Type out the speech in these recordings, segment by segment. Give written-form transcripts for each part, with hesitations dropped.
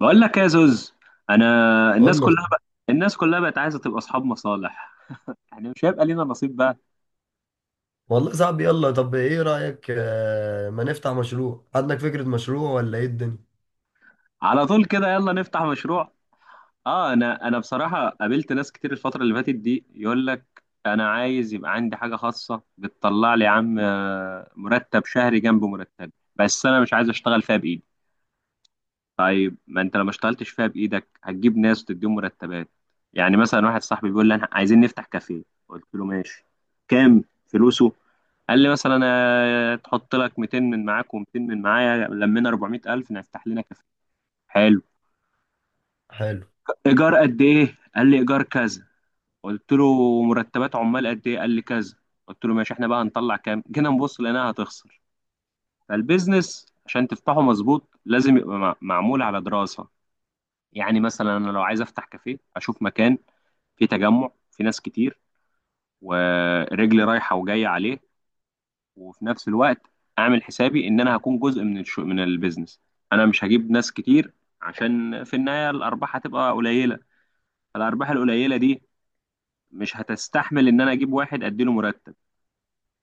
بقول لك يا زوز، انا الناس قول لي. كلها بقى الناس كلها بقت عايزه تبقى اصحاب مصالح. يعني مش هيبقى لينا نصيب بقى. والله صعب، يلا طب ايه رأيك، ما نفتح مشروع، عندك فكرة مشروع ولا ايه الدنيا؟ على طول كده، يلا نفتح مشروع. انا بصراحه قابلت ناس كتير الفتره اللي فاتت دي. يقول لك انا عايز يبقى عندي حاجه خاصه بتطلع لي يا عم، مرتب شهري جنب مرتب، بس انا مش عايز اشتغل فيها بايدي. طيب ما انت لو ما اشتغلتش فيها بايدك هتجيب ناس وتديهم مرتبات؟ يعني مثلا واحد صاحبي بيقول لي انا عايزين نفتح كافيه. قلت له ماشي، كام فلوسه؟ قال لي مثلا تحط لك 200 من معاك و200 من معايا لمينا 400000 نفتح لنا كافيه. حلو. حلو. ايجار قد ايه؟ قال لي ايجار كذا. قلت له مرتبات عمال قد ايه؟ قال لي كذا. قلت له ماشي، احنا بقى هنطلع كام؟ جينا نبص لقيناها هتخسر. فالبيزنس عشان تفتحه مظبوط لازم يبقى معمول على دراسة. يعني مثلا انا لو عايز افتح كافيه اشوف مكان فيه تجمع، فيه ناس كتير، ورجلي رايحة وجاية عليه. وفي نفس الوقت اعمل حسابي ان انا هكون جزء من البيزنس. انا مش هجيب ناس كتير عشان في النهايه الارباح هتبقى قليله. فالارباح القليله دي مش هتستحمل ان انا اجيب واحد اديله مرتب.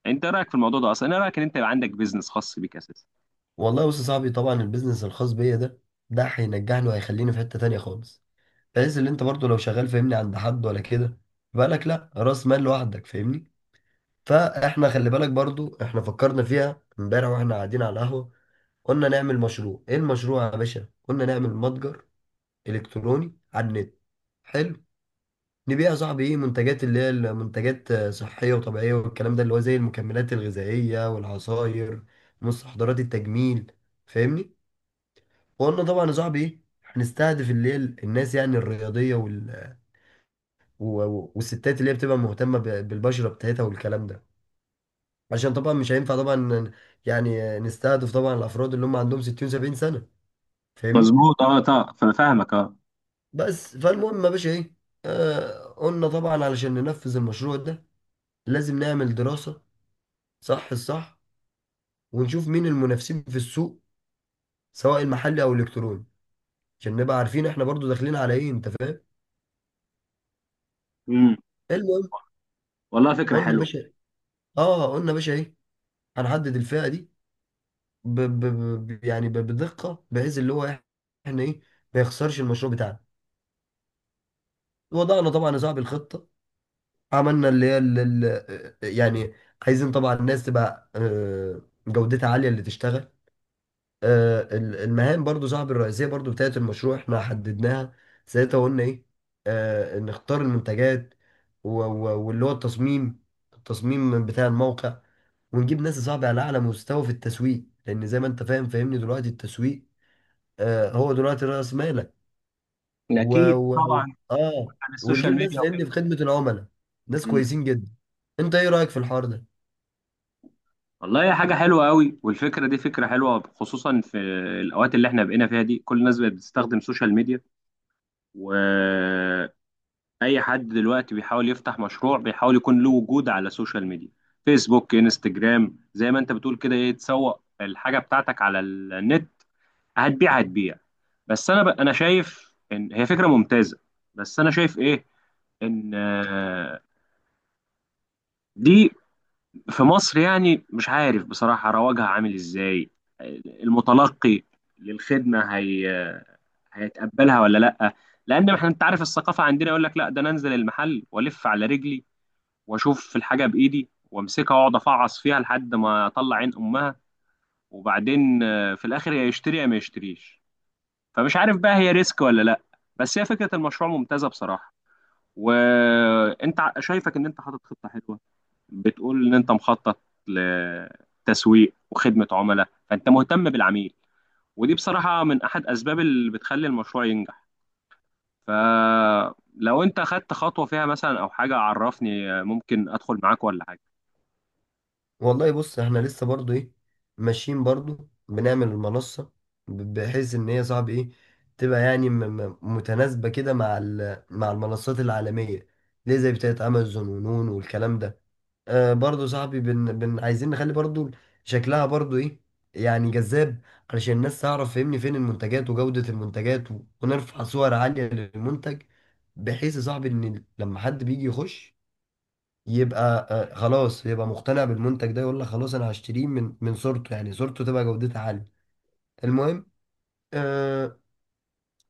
انت إيه رايك في الموضوع ده اصلا؟ انا رايك ان انت يبقى عندك بيزنس خاص بيك اساسا. والله بص يا صاحبي، طبعا البيزنس الخاص بيا ده هينجحني وهيخليني في حتة تانية خالص. بحيث ان انت برضو لو شغال فاهمني عند حد ولا كده، بالك لا راس مال لوحدك فاهمني. فاحنا خلي بالك برضو، احنا فكرنا فيها امبارح واحنا قاعدين على القهوة. قلنا نعمل مشروع، ايه المشروع يا باشا؟ قلنا نعمل متجر الكتروني على النت. حلو. نبيع يا صاحبي ايه، منتجات اللي هي المنتجات صحية وطبيعية والكلام ده، اللي هو زي المكملات الغذائية والعصاير، مستحضرات التجميل، فاهمني. وقلنا طبعا يا صاحبي ايه، هنستهدف اللي هي الناس يعني الرياضية والستات اللي هي بتبقى مهتمة بالبشرة بتاعتها والكلام ده. عشان طبعا مش هينفع طبعا يعني نستهدف طبعا الافراد اللي هم عندهم 60 70 سنة، فاهمني. مظبوط، اه طبعا، فانا فاهمك. اه. بس فالمهم يا باشا ايه، قلنا طبعا علشان ننفذ المشروع ده لازم نعمل دراسة صح الصح، ونشوف مين المنافسين في السوق، سواء المحلي او الالكتروني، عشان نبقى عارفين احنا برضو داخلين على ايه، انت فاهم. امم. المهم، والله فكره قلنا يا حلوه. باشا اه قلنا يا باشا ايه، هنحدد الفئه دي ب... ب... بدقه، بحيث اللي هو إيه، احنا ايه، ما يخسرش المشروع بتاعنا. وضعنا طبعا يا صاحبي الخطه، عملنا اللي هي ال... ال... يعني عايزين طبعا الناس تبقى جودتها عاليه اللي تشتغل. المهام برضو صاحب الرئيسية برضو بتاعت المشروع احنا حددناها. ساعتها قلنا ايه، نختار المنتجات واللي هو التصميم، التصميم بتاع الموقع، ونجيب ناس صعبة على أعلى مستوى في التسويق، لأن زي ما أنت فاهم فاهمني، دلوقتي التسويق هو دلوقتي رأس مالك. و... اكيد و... طبعا. آه عن السوشيال وتجيب ناس ميديا وكده. فاهمني في خدمة العملاء، ناس امم. كويسين جدا. أنت إيه رأيك في الحوار ده؟ والله هي حاجه حلوه قوي، والفكره دي فكره حلوه خصوصا في الاوقات اللي احنا بقينا فيها دي. كل الناس بقت بتستخدم سوشيال ميديا، و اي حد دلوقتي بيحاول يفتح مشروع بيحاول يكون له وجود على السوشيال ميديا. فيسبوك، انستجرام، زي ما انت بتقول كده، ايه، تسوق الحاجه بتاعتك على النت. هتبيع هتبيع. بس انا انا شايف ان هي فكره ممتازه. بس انا شايف ايه، ان دي في مصر يعني مش عارف بصراحه رواجها عامل ازاي. المتلقي للخدمه هي هيتقبلها ولا لا؟ لان احنا انت عارف الثقافه عندنا يقول لك لا، ده انا انزل المحل والف على رجلي واشوف الحاجه بايدي وامسكها واقعد افعص فيها لحد ما اطلع عين امها. وبعدين في الاخر يا يشتري يا ما يشتريش. فمش عارف بقى هي ريسك ولا لا. بس هي فكره المشروع ممتازه بصراحه. وانت شايفك ان انت حاطط خطه حلوه. بتقول ان انت مخطط لتسويق وخدمه عملاء، فانت مهتم بالعميل، ودي بصراحه من احد اسباب اللي بتخلي المشروع ينجح. فلو انت خدت خطوه فيها مثلا او حاجه عرفني، ممكن ادخل معاك ولا حاجه. والله بص احنا لسه برضو ايه، ماشيين برضو بنعمل المنصة، بحيث ان هي صعب ايه تبقى يعني متناسبة كده مع مع المنصات العالمية، ليه زي بتاعة امازون ونون والكلام ده. برضو صاحبي بن عايزين نخلي برضو شكلها برضو ايه يعني جذاب، علشان الناس تعرف فهمني فين المنتجات وجودة المنتجات، ونرفع صور عالية للمنتج، بحيث يا صاحبي ان لما حد بيجي يخش يبقى خلاص يبقى مقتنع بالمنتج ده، يقول لك خلاص انا هشتريه من صورته، يعني صورته تبقى جودتها عاليه. المهم، آه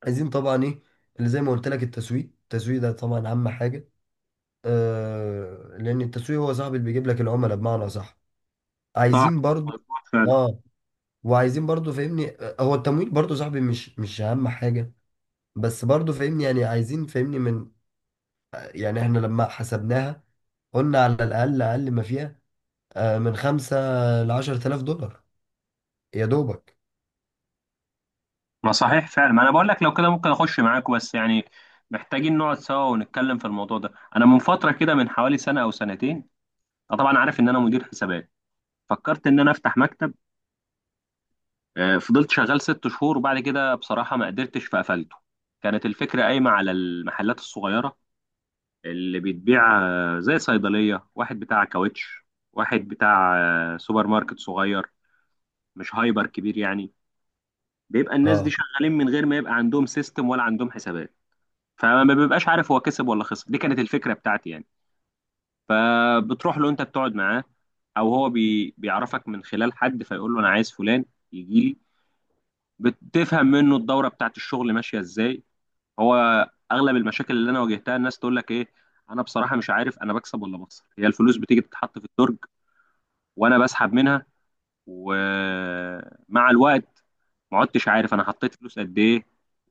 عايزين طبعا ايه، اللي زي ما قلت لك، التسويق التسويق ده طبعا اهم حاجه، لان التسويق هو صاحب اللي بيجيب لك العملاء بمعنى صح. صح، عايزين برضو. اه، وعايزين برضو فاهمني هو التمويل برضو صاحبي مش اهم حاجه، بس برضو فاهمني يعني عايزين فاهمني من، يعني احنا لما حسبناها قلنا على الاقل اقل ما فيها، من 5 لـ10 آلاف دولار يا دوبك. ما صحيح فعلا، ما انا بقول لك لو كده ممكن اخش معاك، بس يعني محتاجين نقعد سوا ونتكلم في الموضوع ده. انا من فتره كده من حوالي سنه او سنتين، أنا طبعا عارف ان انا مدير حسابات، فكرت ان انا افتح مكتب. فضلت شغال 6 شهور وبعد كده بصراحه ما قدرتش فقفلته. كانت الفكره قايمه على المحلات الصغيره اللي بتبيع، زي صيدليه، واحد بتاع كاوتش، واحد بتاع سوبر ماركت صغير مش هايبر كبير يعني. بيبقى الناس دي اه شغالين من غير ما يبقى عندهم سيستم ولا عندهم حسابات، فما بيبقاش عارف هو كسب ولا خسر. دي كانت الفكره بتاعتي يعني. فبتروح له انت بتقعد معاه، او هو بيعرفك من خلال حد فيقول له انا عايز فلان يجي لي. بتفهم منه الدوره بتاعت الشغل ماشيه ازاي. هو اغلب المشاكل اللي انا واجهتها الناس تقول لك ايه، انا بصراحه مش عارف انا بكسب ولا بخسر. هي الفلوس بتيجي تتحط في الدرج وانا بسحب منها، ومع الوقت ما عدتش عارف انا حطيت فلوس قد ايه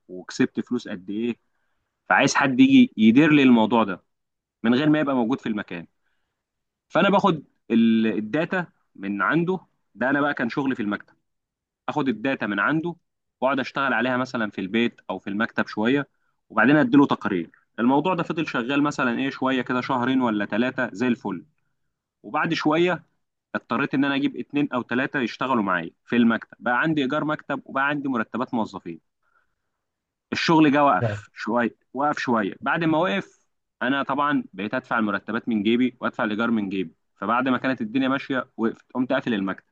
وكسبت فلوس قد ايه. فعايز حد يجي يدير لي الموضوع ده من غير ما يبقى موجود في المكان. فانا باخد الداتا من عنده. ده انا بقى كان شغلي في المكتب، اخد الداتا من عنده واقعد اشتغل عليها مثلا في البيت او في المكتب شويه وبعدين اديله تقارير. الموضوع ده فضل شغال مثلا ايه شويه كده، شهرين ولا ثلاثه، زي الفل. وبعد شويه اضطريت ان انا اجيب اتنين او ثلاثه يشتغلوا معايا في المكتب، بقى عندي ايجار مكتب وبقى عندي مرتبات موظفين. الشغل جه اه، وقف شويه، وقف شويه، بعد ما وقف انا طبعا بقيت ادفع المرتبات من جيبي وادفع الايجار من جيبي. فبعد ما كانت الدنيا ماشيه وقفت، قمت قافل المكتب.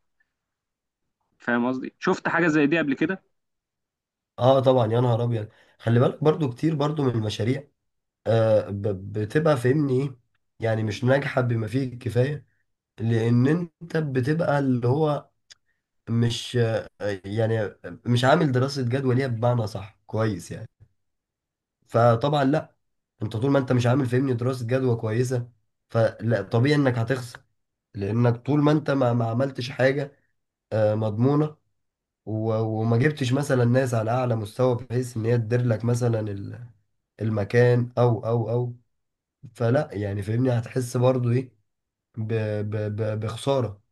فاهم قصدي؟ شفت حاجه زي دي قبل كده؟ طبعا يا نهار ابيض. خلي بالك برضو كتير برضو من المشاريع بتبقى فاهمني ايه، يعني مش ناجحه بما فيه الكفايه، لان انت بتبقى اللي هو مش يعني مش عامل دراسه جدوى ليها بمعنى صح كويس يعني. فطبعا لا، انت طول ما انت مش عامل فاهمني دراسه جدوى كويسه، فلا طبيعي انك هتخسر، لانك طول ما انت ما عملتش حاجه مضمونه، و- وما جبتش مثلا ناس على اعلى مستوى بحيث ان هي تدير لك مثلا المكان او، فلا يعني فاهمني هتحس برضو ايه، ب ب ب بخسارة،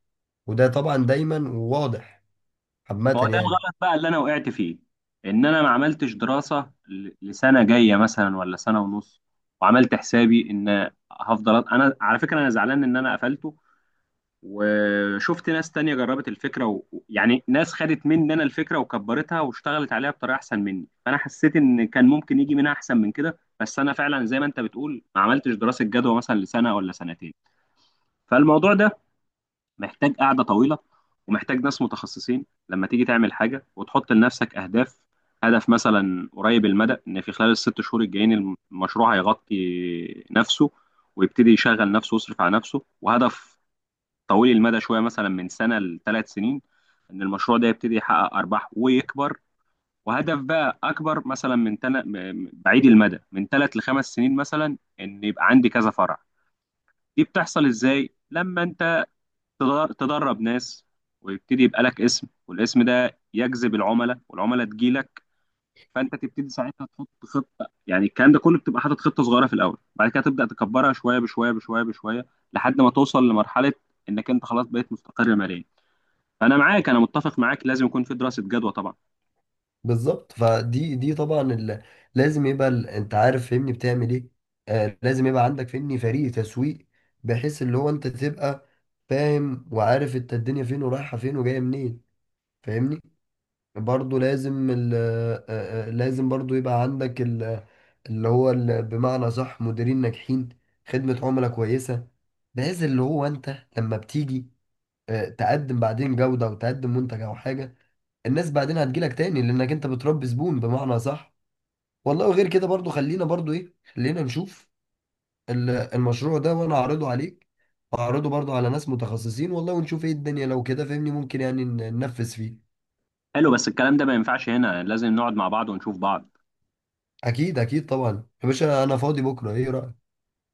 وده طبعا دايما واضح ما هو عامة ده يعني. الغلط بقى اللي انا وقعت فيه، ان انا ما عملتش دراسه لسنه جايه مثلا ولا سنه ونص، وعملت حسابي ان هفضل انا. على فكره انا زعلان ان انا قفلته، وشفت ناس تانية جربت الفكرة يعني ناس خدت مني أنا الفكرة وكبرتها واشتغلت عليها بطريقة أحسن مني، فأنا حسيت إن كان ممكن يجي منها أحسن من كده. بس أنا فعلا زي ما أنت بتقول ما عملتش دراسة جدوى مثلا لسنة ولا سنتين. فالموضوع ده محتاج قعدة طويلة ومحتاج ناس متخصصين لما تيجي تعمل حاجة وتحط لنفسك أهداف. هدف مثلا قريب المدى، إن في خلال الست شهور الجايين المشروع هيغطي نفسه ويبتدي يشغل نفسه ويصرف على نفسه. وهدف طويل المدى شويه مثلا من سنه لثلاث سنين، ان المشروع ده يبتدي يحقق ارباح ويكبر. وهدف بقى اكبر مثلا بعيد المدى، من ثلاث لخمس سنين مثلا، ان يبقى عندي كذا فرع. دي بتحصل ازاي؟ لما انت تدرب ناس، ويبتدي يبقى لك اسم، والاسم ده يجذب العملاء، والعملاء تجيلك. فانت تبتدي ساعتها تحط خطه، يعني الكلام ده كله بتبقى حاطط خطه صغيره في الاول بعد كده تبدا تكبرها شويه بشويه بشويه بشويه، لحد ما توصل لمرحله انك انت خلاص بقيت مستقر ماليا. انا معاك، انا متفق معاك، لازم يكون في دراسة جدوى طبعا. بالظبط، فدي طبعا لازم يبقى انت عارف فاهمني بتعمل ايه، لازم يبقى عندك فاهمني فريق تسويق، بحيث اللي هو انت تبقى فاهم وعارف انت الدنيا فين ورايحة فين وجاية منين، فاهمني. برضو لازم ال آه، آه، لازم برضو يبقى عندك ال اللي هو ال بمعنى صح مديرين ناجحين، خدمة عملاء كويسة، بحيث اللي هو انت لما بتيجي تقدم بعدين جودة وتقدم منتج او حاجة، الناس بعدين هتجيلك تاني لانك انت بتربي زبون بمعنى صح. والله وغير كده برضو، خلينا برضو ايه، خلينا نشوف المشروع ده، وانا هعرضه عليك، وهعرضه برضو على ناس متخصصين، والله ونشوف ايه الدنيا، لو كده فهمني ممكن يعني ننفذ فيه. حلو، بس الكلام ده ما ينفعش هنا، لازم نقعد مع بعض ونشوف بعض. اكيد اكيد طبعا يا باشا، انا فاضي بكره، ايه رايك؟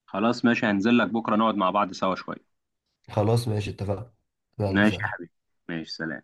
خلاص ماشي، هنزل لك بكرة نقعد مع بعض سوا شوية. خلاص ماشي، اتفقنا. يلا ماشي يا سلام. حبيبي، ماشي، سلام.